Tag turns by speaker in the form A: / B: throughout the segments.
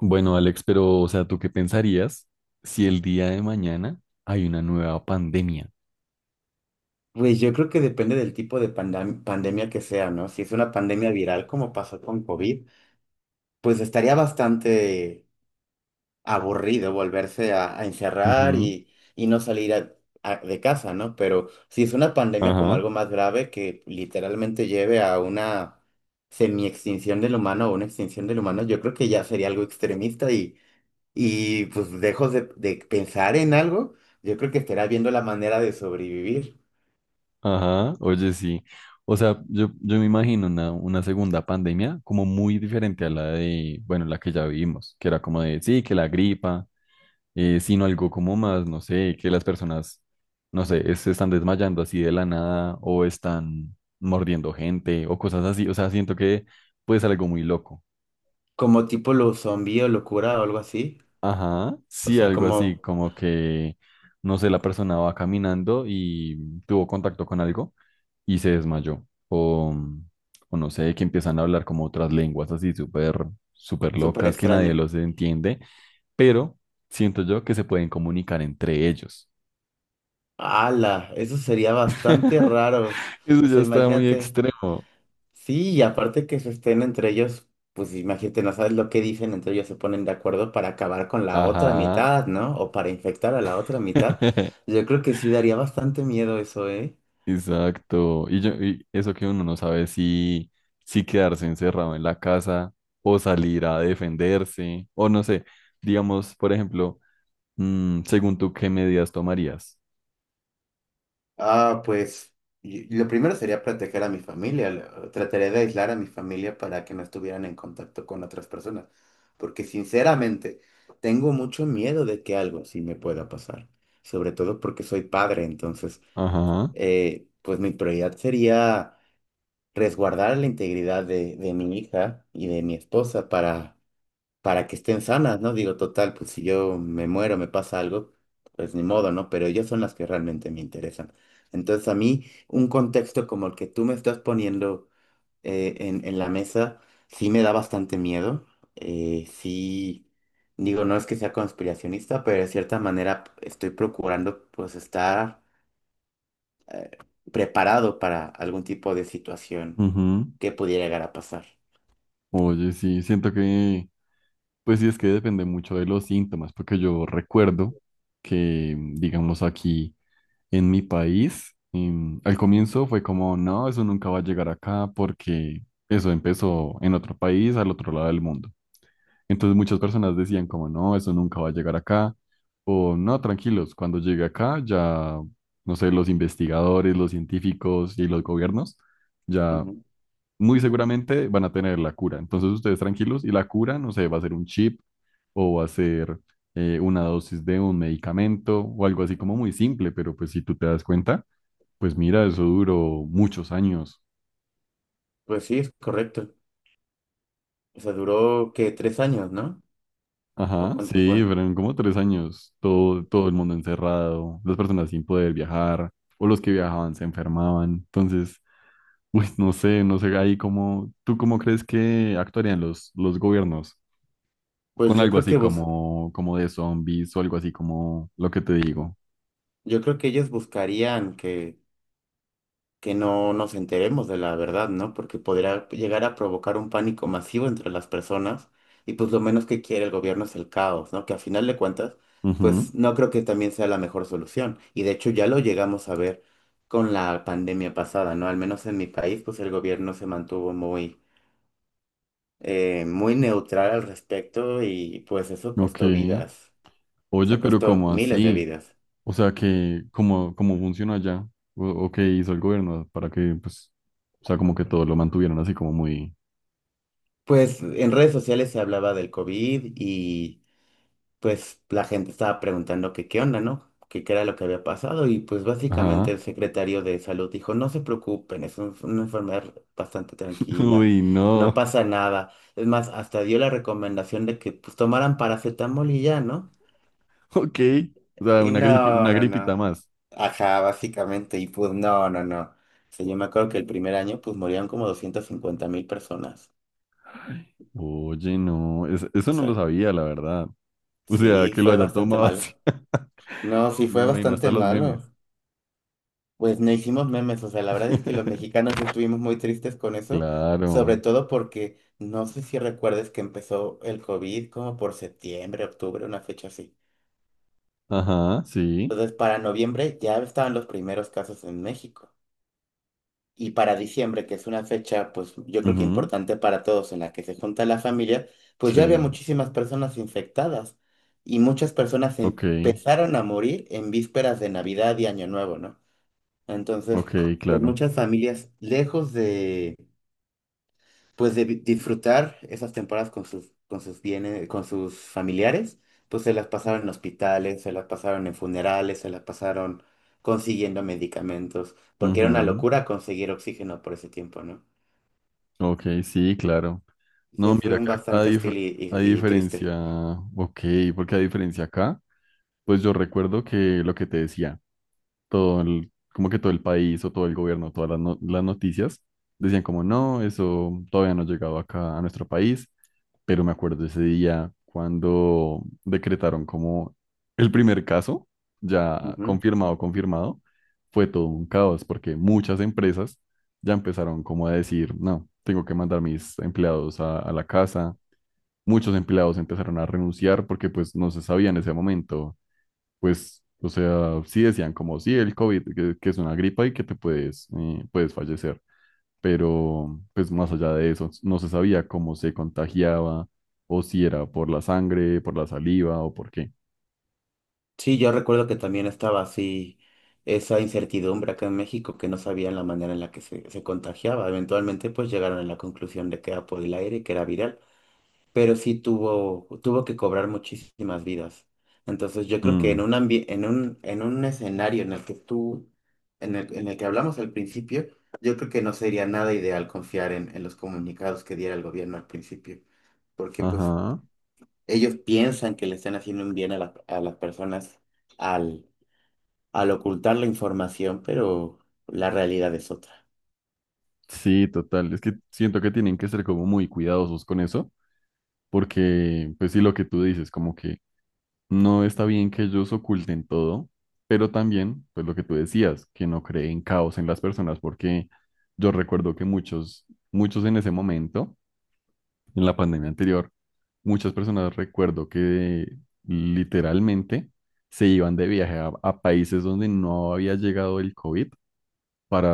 A: Bueno, Alex, pero, o sea, ¿tú qué pensarías si el día de mañana hay una nueva pandemia?
B: Pues yo creo que depende del tipo de pandemia que sea, ¿no? Si es una pandemia viral como pasó con COVID, pues estaría bastante aburrido volverse a encerrar
A: Ujú.
B: y no de casa, ¿no? Pero si es una pandemia como
A: Ajá.
B: algo más grave que literalmente lleve a una semi-extinción del humano o una extinción del humano, yo creo que ya sería algo extremista y pues dejo de pensar en algo, yo creo que estará viendo la manera de sobrevivir.
A: Ajá, oye, sí. O sea, yo me imagino una segunda pandemia como muy diferente a la de, bueno, la que ya vivimos, que era como de, sí, que la gripa, sino algo como más, no sé, que las personas, no sé, se están desmayando así de la nada o están mordiendo gente o cosas así. O sea, siento que puede ser algo muy loco.
B: Como tipo lo zombie o locura o algo así.
A: Ajá,
B: O
A: sí,
B: sea,
A: algo así,
B: como
A: como que, no sé, la persona va caminando y tuvo contacto con algo y se desmayó. O, o no sé, que empiezan a hablar como otras lenguas así súper, súper
B: súper
A: locas que nadie
B: extraño.
A: los entiende, pero siento yo que se pueden comunicar entre ellos.
B: ¡Hala! Eso sería bastante raro.
A: Eso
B: O
A: ya
B: sea,
A: está muy
B: imagínate.
A: extremo.
B: Sí, y aparte que se estén entre ellos, pues imagínate, no sabes lo que dicen, entre ellos se ponen de acuerdo para acabar con la otra
A: Ajá.
B: mitad, ¿no? O para infectar a la otra mitad. Yo creo que sí daría bastante miedo eso, ¿eh?
A: Exacto. Y, yo, y eso que uno no sabe si, si quedarse encerrado en la casa o salir a defenderse o no sé, digamos, por ejemplo, según tú, ¿qué medidas tomarías?
B: Ah, pues y lo primero sería proteger a mi familia. Trataré de aislar a mi familia para que no estuvieran en contacto con otras personas. Porque sinceramente, tengo mucho miedo de que algo sí me pueda pasar. Sobre todo porque soy padre. Entonces,
A: Ajá.
B: pues mi prioridad sería resguardar la integridad de mi hija y de mi esposa para que estén sanas, ¿no? Digo, total, pues si yo me muero, me pasa algo, pues ni modo, ¿no? Pero ellas son las que realmente me interesan. Entonces, a mí, un contexto como el que tú me estás poniendo en la mesa, sí me da bastante miedo. Sí, digo, no es que sea conspiracionista, pero de cierta manera estoy procurando, pues, estar eh, preparado para algún tipo de situación
A: Ujú.
B: que pudiera llegar a pasar.
A: Oye, sí, siento que, pues sí, es que depende mucho de los síntomas, porque yo recuerdo que, digamos, aquí en mi país, al comienzo fue como, no, eso nunca va a llegar acá porque eso empezó en otro país, al otro lado del mundo. Entonces muchas personas decían como, no, eso nunca va a llegar acá, o no, tranquilos, cuando llegue acá ya, no sé, los investigadores, los científicos y los gobiernos ya
B: Ujú.
A: muy seguramente van a tener la cura. Entonces ustedes tranquilos y la cura, no sé, va a ser un chip o va a ser una dosis de un medicamento o algo así como muy simple, pero pues si tú te das cuenta, pues mira, eso duró muchos años.
B: Pues sí, es correcto. O sea, duró que 3 años, ¿no? ¿O
A: Ajá,
B: cuánto fue?
A: sí, fueron como tres años, todo el mundo encerrado, las personas sin poder viajar, o los que viajaban se enfermaban. Entonces, uy, no sé, no sé ahí cómo, ¿tú cómo crees que actuarían los gobiernos
B: Pues
A: con
B: yo
A: algo
B: creo
A: así
B: que bus-
A: como, como de zombies o algo así como lo que te digo?
B: yo creo que ellos buscarían que no nos enteremos de la verdad, ¿no? Porque podría llegar a provocar un pánico masivo entre las personas y pues lo menos que quiere el gobierno es el caos, ¿no? Que a final de cuentas,
A: Ujú.
B: pues no creo que también sea la mejor solución. Y de hecho ya lo llegamos a ver con la pandemia pasada, ¿no? Al menos en mi país, pues el gobierno se mantuvo muy, muy neutral al respecto y pues eso
A: Ok.
B: costó vidas,
A: Oye,
B: se
A: pero
B: costó
A: ¿cómo
B: miles de
A: así?
B: vidas.
A: O sea, que, ¿cómo, cómo funciona allá? O qué hizo el gobierno para que, pues, o sea, como que todo lo mantuvieron así como muy...?
B: Pues en redes sociales se hablaba del COVID y pues la gente estaba preguntando que qué onda, ¿no? Que qué era lo que había pasado y pues básicamente
A: Ajá.
B: el secretario de salud dijo, no se preocupen, es una enfermedad bastante tranquila,
A: Uy,
B: no
A: no.
B: pasa nada. Es más, hasta dio la recomendación de que pues tomaran paracetamol y ya, ¿no?
A: Ok. O sea,
B: Y no,
A: una
B: no, no.
A: gripita más.
B: Ajá, básicamente, y pues no, no, no. O sea, yo me acuerdo que el primer año pues morían como 250,000 personas.
A: Oye, no.
B: O
A: Eso no lo
B: sea,
A: sabía, la verdad. O sea,
B: sí,
A: que lo
B: fue
A: hayan
B: bastante
A: tomado así.
B: malo. No,
A: No,
B: sí
A: me
B: fue
A: imagino hasta
B: bastante
A: los memes.
B: malo. Pues no hicimos memes, o sea, la verdad es que los mexicanos sí estuvimos muy tristes con eso, sobre
A: Claro.
B: todo porque no sé si recuerdes que empezó el COVID como por septiembre, octubre, una fecha así.
A: Ajá, sí.
B: Entonces, para noviembre ya estaban los primeros casos en México. Y para diciembre, que es una fecha, pues yo creo que
A: Ujú.
B: importante para todos, en la que se junta la familia, pues ya había
A: Sí.
B: muchísimas personas infectadas y muchas personas
A: Ok.
B: empezaron a morir en vísperas de Navidad y Año Nuevo, ¿no? Entonces,
A: Ok,
B: pues
A: claro.
B: muchas familias, lejos de, disfrutar esas temporadas con sus bienes, con sus familiares, pues se las pasaron en hospitales, se las pasaron en funerales, se las pasaron consiguiendo medicamentos, porque era una
A: Ujú.
B: locura conseguir oxígeno por ese tiempo, ¿no?
A: Ok, sí, claro.
B: Se
A: No,
B: fue
A: mira,
B: un
A: que a,
B: bastante hostil y,
A: a
B: y triste.
A: diferencia. Ok, porque a diferencia acá. Pues yo recuerdo que lo que te decía, todo el, como que todo el país o todo el gobierno, todas las noticias, decían como, no, eso todavía no ha llegado acá a nuestro país, pero me acuerdo ese día cuando decretaron como el primer caso, ya confirmado, fue todo un caos porque muchas empresas ya empezaron como a decir, no, tengo que mandar mis empleados a la casa. Muchos empleados empezaron a renunciar porque pues no se sabía en ese momento pues, o sea, sí decían como, sí, el COVID, que es una gripa y que te puedes, puedes fallecer, pero pues más allá de eso, no se sabía cómo se contagiaba o si era por la sangre, por la saliva o por qué.
B: Sí, yo recuerdo que también estaba así esa incertidumbre acá en México que no sabían la manera en la que se contagiaba. Eventualmente pues llegaron a la conclusión de que era por el aire y que era viral, pero sí tuvo, tuvo que cobrar muchísimas vidas. Entonces yo creo que
A: Mm,
B: en un escenario en el que tú, en el que hablamos al principio, yo creo que no sería nada ideal confiar en los comunicados que diera el gobierno al principio, porque pues
A: ajá,
B: ellos piensan que le están haciendo un bien a las personas al ocultar la información, pero la realidad es otra.
A: sí, total, es que siento que tienen que ser como muy cuidadosos con eso, porque pues sí, lo que tú dices, como que no está bien que ellos oculten todo, pero también, pues lo que tú decías, que no creen caos en las personas, porque yo recuerdo que muchos en ese momento, en la pandemia anterior, muchas personas recuerdo que literalmente se iban de viaje a países donde no había llegado el COVID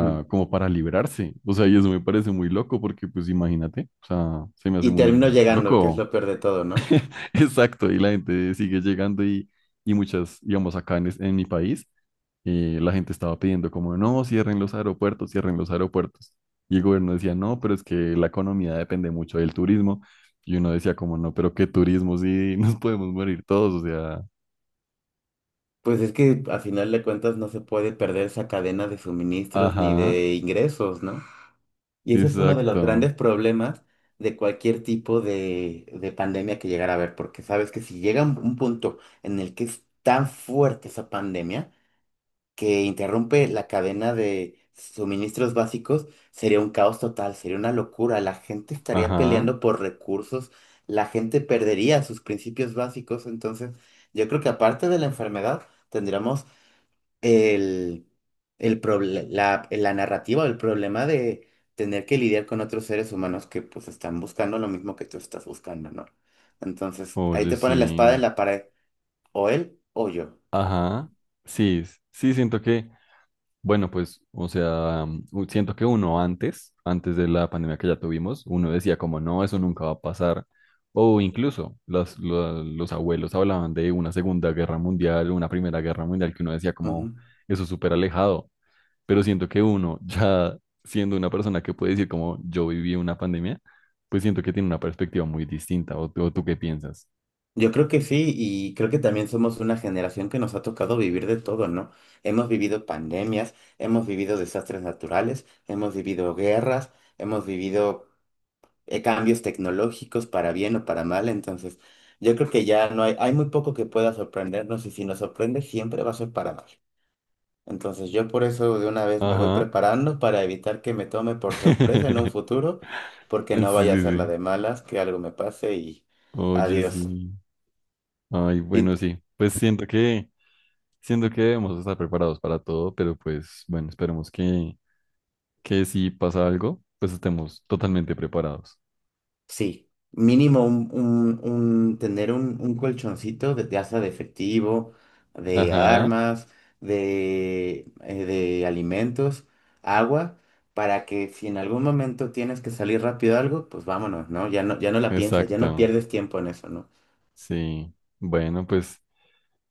B: Mm.
A: como para librarse. O sea, y eso me parece muy loco, porque pues imagínate, o sea, se me hace
B: Y termino
A: muy
B: llegando, que es
A: loco.
B: lo peor de todo, ¿no?
A: Exacto, y la gente sigue llegando y muchas, digamos, en mi país, la gente estaba pidiendo como, no, cierren los aeropuertos, cierren los aeropuertos. Y el gobierno decía, no, pero es que la economía depende mucho del turismo. Y uno decía como, no, pero qué turismo, sí, nos podemos morir todos, o sea,
B: Pues es que a final de cuentas no se puede perder esa cadena de suministros ni
A: ajá,
B: de ingresos, ¿no? Y ese es uno de los
A: exacto,
B: grandes problemas de cualquier tipo de pandemia que llegara a haber, porque sabes que si llega un punto en el que es tan fuerte esa pandemia, que interrumpe la cadena de suministros básicos, sería un caos total, sería una locura. La gente estaría
A: ajá,
B: peleando por recursos, la gente perdería sus principios básicos. Entonces, yo creo que aparte de la enfermedad, tendríamos el, la narrativa, el problema de tener que lidiar con otros seres humanos que pues están buscando lo mismo que tú estás buscando, ¿no? Entonces, ahí
A: oye,
B: te pones la espada en
A: sí,
B: la pared, o él o yo.
A: ajá, sí, sí, siento que bueno, pues, o sea, siento que uno antes, antes de la pandemia que ya tuvimos, uno decía como, no, eso nunca va a pasar. O incluso los abuelos hablaban de una Segunda Guerra Mundial, una Primera Guerra Mundial, que uno decía como, eso es súper alejado. Pero siento que uno, ya siendo una persona que puede decir como, yo viví una pandemia, pues siento que tiene una perspectiva muy distinta. ¿O, o tú qué piensas?
B: Yo creo que sí, y creo que también somos una generación que nos ha tocado vivir de todo, ¿no? Hemos vivido pandemias, hemos vivido desastres naturales, hemos vivido guerras, hemos vivido cambios tecnológicos para bien o para mal, entonces yo creo que ya no hay, hay muy poco que pueda sorprendernos y si nos sorprende siempre va a ser para mal. Entonces yo por eso de una vez me voy
A: Ajá.
B: preparando para evitar que me tome por sorpresa en un futuro, porque
A: Sí,
B: no
A: sí,
B: vaya a ser la
A: sí.
B: de malas, que algo me pase y
A: Oye,
B: adiós.
A: sí. Ay, bueno,
B: ¿Y
A: sí. Pues siento que... Siento que debemos estar preparados para todo, pero pues bueno, esperemos que si pasa algo, pues estemos totalmente preparados.
B: Sí, mínimo un, tener un colchoncito de hasta de efectivo, de
A: Ajá,
B: armas, de alimentos, agua, para que si en algún momento tienes que salir rápido a algo, pues vámonos, ¿no? Ya no, ya no la piensas, ya no
A: exacto.
B: pierdes tiempo en eso, ¿no?
A: Sí. Bueno, pues,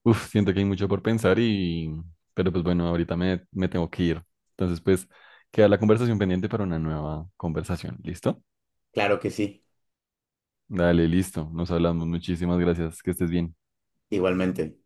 A: uf, siento que hay mucho por pensar y, pero pues bueno, ahorita me tengo que ir. Entonces, pues, queda la conversación pendiente para una nueva conversación. ¿Listo?
B: Claro que sí,
A: Dale, listo. Nos hablamos. Muchísimas gracias. Que estés bien.
B: igualmente.